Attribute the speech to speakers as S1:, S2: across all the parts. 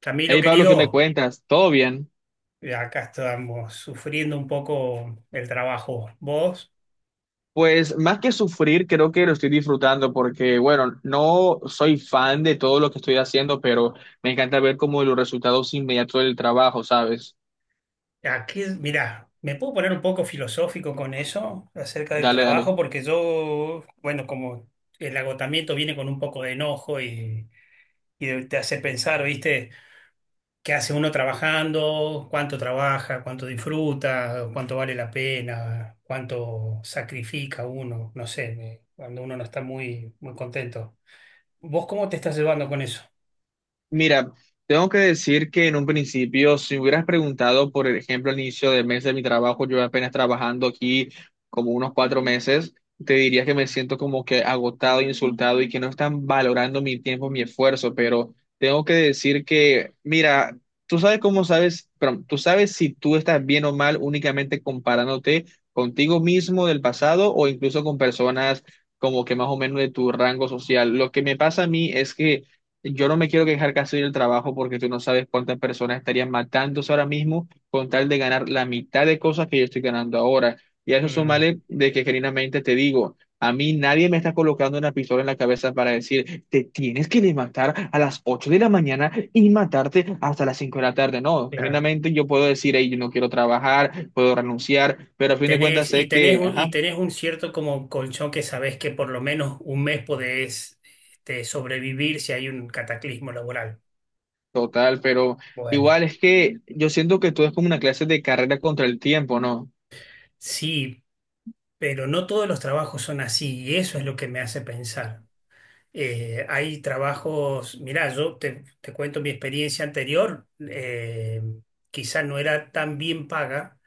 S1: Camilo,
S2: Hey Pablo, ¿qué me
S1: querido,
S2: cuentas? ¿Todo bien?
S1: acá estamos sufriendo un poco el trabajo. Vos,
S2: Pues más que sufrir, creo que lo estoy disfrutando porque, bueno, no soy fan de todo lo que estoy haciendo, pero me encanta ver como los resultados inmediatos del trabajo, ¿sabes?
S1: aquí, mirá, me puedo poner un poco filosófico con eso acerca del
S2: Dale, dale.
S1: trabajo, porque yo, bueno, como el agotamiento viene con un poco de enojo y te hace pensar, ¿viste? ¿Qué hace uno trabajando? ¿Cuánto trabaja? ¿Cuánto disfruta? ¿Cuánto vale la pena? ¿Cuánto sacrifica uno? No sé, cuando uno no está muy contento. ¿Vos cómo te estás llevando con eso?
S2: Mira, tengo que decir que en un principio, si hubieras preguntado, por ejemplo, al inicio del mes de mi trabajo, yo apenas trabajando aquí como unos 4 meses, te diría que me siento como que agotado, insultado y que no están valorando mi tiempo, mi esfuerzo, pero tengo que decir que, mira, tú sabes cómo sabes, pero tú sabes si tú estás bien o mal únicamente comparándote contigo mismo del pasado o incluso con personas como que más o menos de tu rango social. Lo que me pasa a mí es que yo no me quiero quejar casi del trabajo porque tú no sabes cuántas personas estarían matándose ahora mismo con tal de ganar la mitad de cosas que yo estoy ganando ahora. Y a eso
S1: Mm.
S2: súmale de que genuinamente te digo, a mí nadie me está colocando una pistola en la cabeza para decir, te tienes que levantar a las 8 de la mañana y matarte hasta las 5 de la tarde. No,
S1: Claro.
S2: genuinamente yo puedo decir, hey, yo no quiero trabajar, puedo renunciar, pero a
S1: Y
S2: fin de cuentas
S1: tenés, y
S2: sé
S1: tenés
S2: que,
S1: un, y
S2: ajá,
S1: tenés un cierto como colchón que sabés que por lo menos un mes podés sobrevivir si hay un cataclismo laboral.
S2: total, pero
S1: Bueno,
S2: igual es que yo siento que todo es como una clase de carrera contra el tiempo, ¿no?
S1: sí, pero no todos los trabajos son así y eso es lo que me hace pensar. Hay trabajos, mirá, te cuento mi experiencia anterior, quizá no era tan bien paga,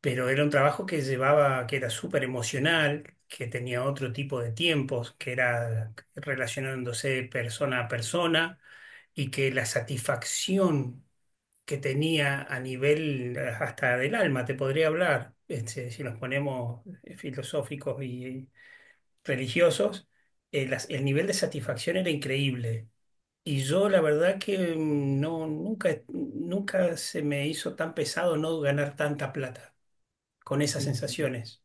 S1: pero era un trabajo que llevaba, que era súper emocional, que tenía otro tipo de tiempos, que era relacionándose persona a persona y que la satisfacción que tenía a nivel hasta del alma, te podría hablar, este, si nos ponemos filosóficos y religiosos, el nivel de satisfacción era increíble. Y yo la verdad que nunca, nunca se me hizo tan pesado no ganar tanta plata con esas
S2: Qué
S1: sensaciones.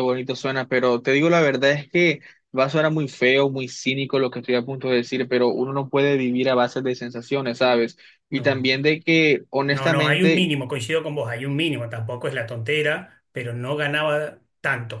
S2: bonito suena, pero te digo la verdad es que va a sonar muy feo, muy cínico lo que estoy a punto de decir, pero uno no puede vivir a base de sensaciones, ¿sabes? Y
S1: No,
S2: también de que,
S1: no, no, hay un
S2: honestamente,
S1: mínimo, coincido con vos, hay un mínimo, tampoco es la tontera, pero no ganaba tanto.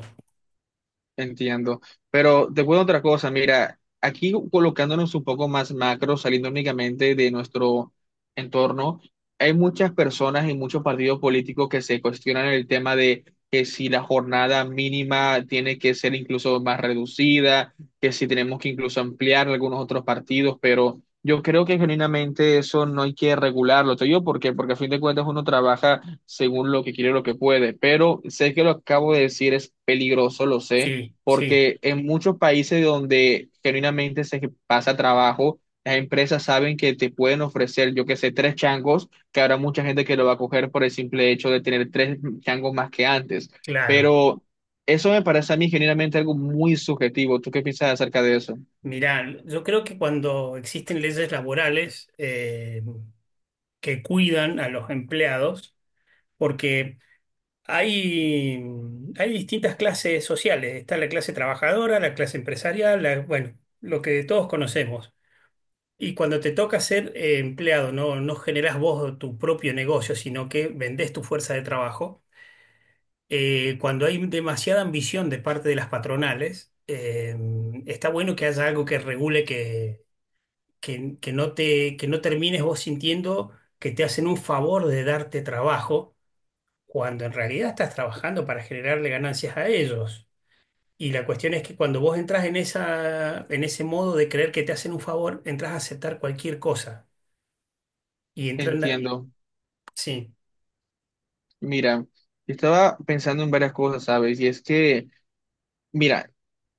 S2: entiendo. Pero te cuento otra cosa, mira, aquí colocándonos un poco más macro, saliendo únicamente de nuestro entorno, hay muchas personas y muchos partidos políticos que se cuestionan el tema de que si la jornada mínima tiene que ser incluso más reducida, que si tenemos que incluso ampliar algunos otros partidos, pero yo creo que genuinamente eso no hay que regularlo. Te digo por qué, porque a fin de cuentas uno trabaja según lo que quiere, lo que puede, pero sé que lo acabo de decir es peligroso, lo sé
S1: Sí, sí,
S2: porque en muchos países donde genuinamente se pasa trabajo, las empresas saben que te pueden ofrecer, yo que sé, tres changos, que habrá mucha gente que lo va a coger por el simple hecho de tener tres changos más que antes.
S1: claro.
S2: Pero eso me parece a mí genuinamente algo muy subjetivo. ¿Tú qué piensas acerca de eso?
S1: Mirá, yo creo que cuando existen leyes laborales que cuidan a los empleados, porque hay, hay distintas clases sociales, está la clase trabajadora, la clase empresarial, bueno, lo que todos conocemos. Y cuando te toca ser empleado, no, no generás vos tu propio negocio, sino que vendés tu fuerza de trabajo. Cuando hay demasiada ambición de parte de las patronales, está bueno que haya algo que regule que no te, que no termines vos sintiendo que te hacen un favor de darte trabajo, cuando en realidad estás trabajando para generarle ganancias a ellos. Y la cuestión es que cuando vos entras en esa, en ese modo de creer que te hacen un favor, entras a aceptar cualquier cosa y entran,
S2: Entiendo.
S1: sí,
S2: Mira, yo estaba pensando en varias cosas, ¿sabes? Y es que, mira,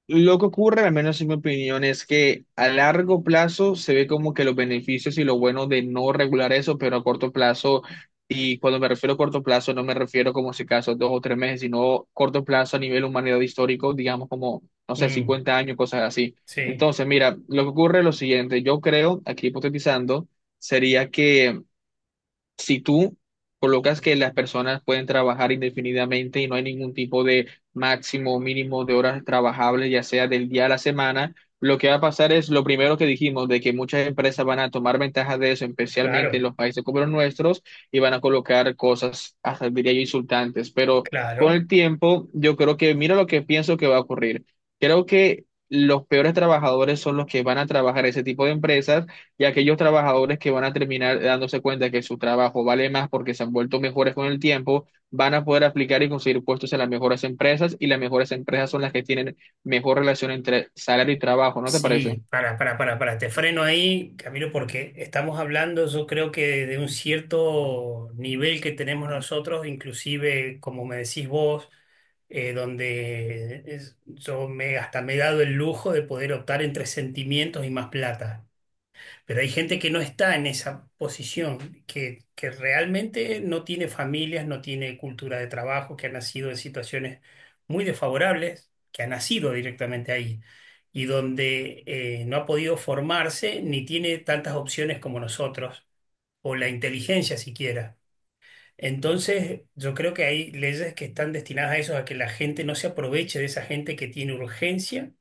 S2: lo que ocurre, al menos en mi opinión, es que a largo plazo se ve como que los beneficios y lo bueno de no regular eso, pero a corto plazo, y cuando me refiero a corto plazo, no me refiero como si acaso dos o tres meses, sino corto plazo a nivel humanidad histórico, digamos como, no sé,
S1: mm,
S2: 50 años, cosas así.
S1: sí,
S2: Entonces, mira, lo que ocurre es lo siguiente, yo creo, aquí hipotetizando, sería que si tú colocas que las personas pueden trabajar indefinidamente y no hay ningún tipo de máximo o mínimo de horas trabajables, ya sea del día a la semana, lo que va a pasar es lo primero que dijimos, de que muchas empresas van a tomar ventaja de eso, especialmente en
S1: claro,
S2: los países como los nuestros, y van a colocar cosas, hasta diría yo, insultantes. Pero con
S1: claro.
S2: el tiempo, yo creo que, mira lo que pienso que va a ocurrir. Creo que los peores trabajadores son los que van a trabajar ese tipo de empresas y aquellos trabajadores que van a terminar dándose cuenta que su trabajo vale más porque se han vuelto mejores con el tiempo, van a poder aplicar y conseguir puestos en las mejores empresas y las mejores empresas son las que tienen mejor relación entre salario y trabajo, ¿no te parece?
S1: Sí, para, te freno ahí, Camilo, porque estamos hablando, yo creo que de un cierto nivel que tenemos nosotros, inclusive, como me decís vos, donde yo me, hasta me he dado el lujo de poder optar entre sentimientos y más plata. Pero hay gente que no está en esa posición, que realmente no tiene familias, no tiene cultura de trabajo, que ha nacido en situaciones muy desfavorables, que ha nacido directamente ahí y donde no ha podido formarse ni tiene tantas opciones como nosotros, o la inteligencia siquiera. Entonces, yo creo que hay leyes que están destinadas a eso, a que la gente no se aproveche de esa gente que tiene urgencia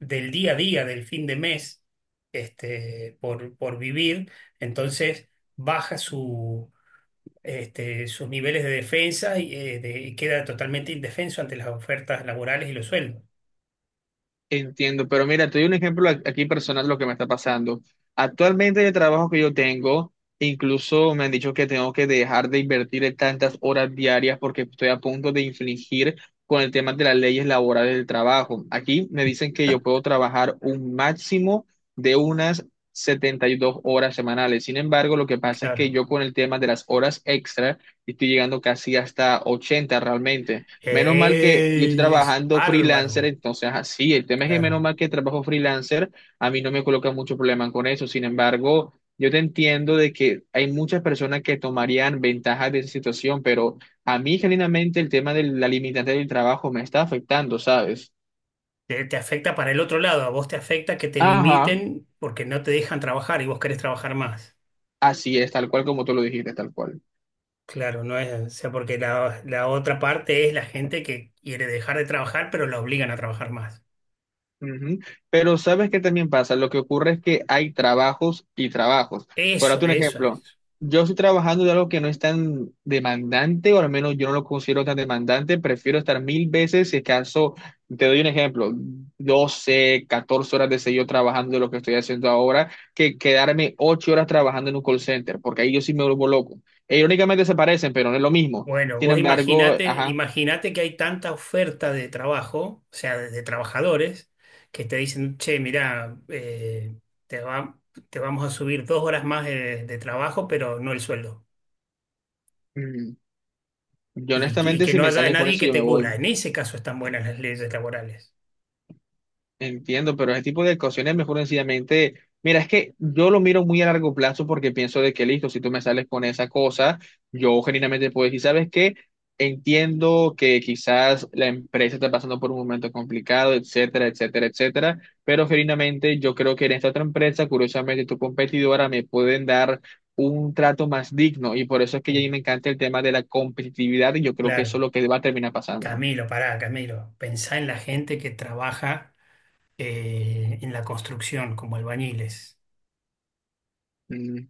S1: del día a día, del fin de mes, por vivir. Entonces, baja su, sus niveles de defensa y queda totalmente indefenso ante las ofertas laborales y los sueldos.
S2: Entiendo, pero mira, te doy un ejemplo aquí personal de lo que me está pasando. Actualmente en el trabajo que yo tengo, incluso me han dicho que tengo que dejar de invertir tantas horas diarias porque estoy a punto de infringir con el tema de las leyes laborales del trabajo. Aquí me dicen que yo puedo trabajar un máximo de unas 72 horas semanales. Sin embargo, lo que pasa es que
S1: Claro.
S2: yo con el tema de las horas extra estoy llegando casi hasta 80 realmente. Menos mal que yo estoy
S1: ¡Ey! Es
S2: trabajando freelancer,
S1: bárbaro.
S2: entonces así, el tema es que
S1: Claro.
S2: menos mal que trabajo freelancer, a mí no me coloca mucho problema con eso. Sin embargo, yo te entiendo de que hay muchas personas que tomarían ventaja de esa situación, pero a mí genuinamente el tema de la limitante del trabajo me está afectando, ¿sabes?
S1: Te afecta para el otro lado, a vos te afecta que te
S2: Ajá.
S1: limiten porque no te dejan trabajar y vos querés trabajar más.
S2: Así es, tal cual como tú lo dijiste, tal cual.
S1: Claro, no es, o sea, porque la otra parte es la gente que quiere dejar de trabajar, pero la obligan a trabajar más.
S2: Ujú. Pero sabes qué también pasa, lo que ocurre es que hay trabajos y trabajos. Por darte
S1: Eso,
S2: un
S1: eso
S2: ejemplo,
S1: es.
S2: yo estoy trabajando de algo que no es tan demandante, o al menos yo no lo considero tan demandante, prefiero estar mil veces, si acaso, te doy un ejemplo, 12 14 horas de seguido trabajando de lo que estoy haciendo ahora, que quedarme 8 horas trabajando en un call center, porque ahí yo sí me vuelvo loco. E irónicamente se parecen, pero no es lo mismo.
S1: Bueno,
S2: Sin
S1: vos
S2: embargo,
S1: imaginate,
S2: ajá,
S1: imaginate que hay tanta oferta de trabajo, o sea, de trabajadores, que te dicen, che, mirá, te va- te vamos a subir dos horas más de trabajo, pero no el sueldo.
S2: mm, yo
S1: Y
S2: honestamente
S1: que
S2: si
S1: no
S2: me
S1: haya
S2: salen con
S1: nadie
S2: eso,
S1: que
S2: yo me
S1: te cubra.
S2: voy.
S1: En ese caso están buenas las leyes laborales.
S2: Entiendo, pero ese tipo de ocasiones mejor sencillamente, mira, es que yo lo miro muy a largo plazo porque pienso de que listo, si tú me sales con esa cosa, yo genuinamente puedo decir, ¿sabes qué? Entiendo que quizás la empresa está pasando por un momento complicado, etcétera, etcétera, etcétera, pero genuinamente yo creo que en esta otra empresa, curiosamente tu competidora, me pueden dar un trato más digno y por eso es que a
S1: Mm.
S2: mí me encanta el tema de la competitividad y yo creo que eso es
S1: Claro.
S2: lo que va a terminar pasando.
S1: Camilo, pará, Camilo. Pensá en la gente que trabaja en la construcción como albañiles.
S2: Mm, O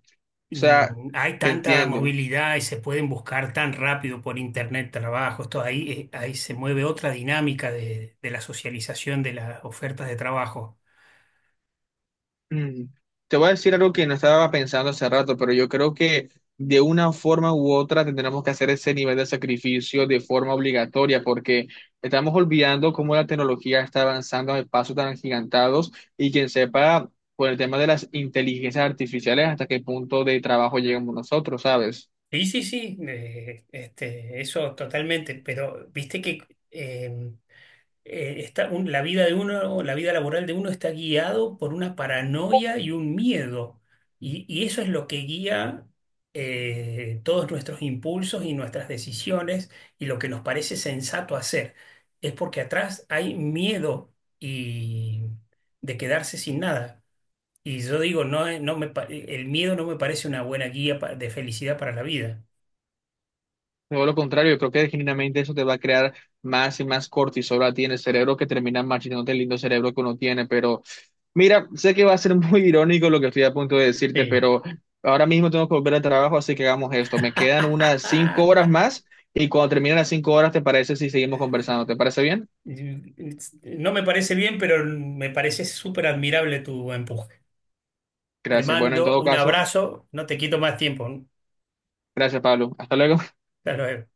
S2: sea,
S1: Mm. Hay
S2: te
S1: tanta
S2: entiendo.
S1: movilidad y se pueden buscar tan rápido por internet trabajos. Todo ahí, ahí se mueve otra dinámica de la socialización de las ofertas de trabajo.
S2: Mm, Te voy a decir algo que no estaba pensando hace rato, pero yo creo que de una forma u otra tendremos que hacer ese nivel de sacrificio de forma obligatoria, porque estamos olvidando cómo la tecnología está avanzando a pasos tan agigantados y quien sepa, por el tema de las inteligencias artificiales, hasta qué punto de trabajo llegamos nosotros, ¿sabes?
S1: Sí, sí, sí, eso totalmente, pero viste que eh, la vida de uno, la vida laboral de uno está guiado por una paranoia y un miedo. Y eso es lo que guía todos nuestros impulsos y nuestras decisiones y lo que nos parece sensato hacer. Es porque atrás hay miedo y de quedarse sin nada. Y yo digo, no, el miedo no me parece una buena guía de felicidad para la vida.
S2: Todo lo contrario, yo creo que genuinamente eso te va a crear más y más cortisol a ti en el cerebro que termina marchitándote el lindo cerebro que uno tiene. Pero mira, sé que va a ser muy irónico lo que estoy a punto de decirte,
S1: Sí.
S2: pero ahora mismo tengo que volver al trabajo, así que hagamos esto. Me quedan unas 5 horas más y cuando terminen las 5 horas, ¿te parece si seguimos conversando? ¿Te parece bien?
S1: No me parece bien, pero me parece súper admirable tu empuje. Te
S2: Gracias. Bueno, en
S1: mando
S2: todo
S1: un
S2: caso,
S1: abrazo, no te quito más tiempo.
S2: gracias, Pablo. Hasta luego.
S1: Hasta luego.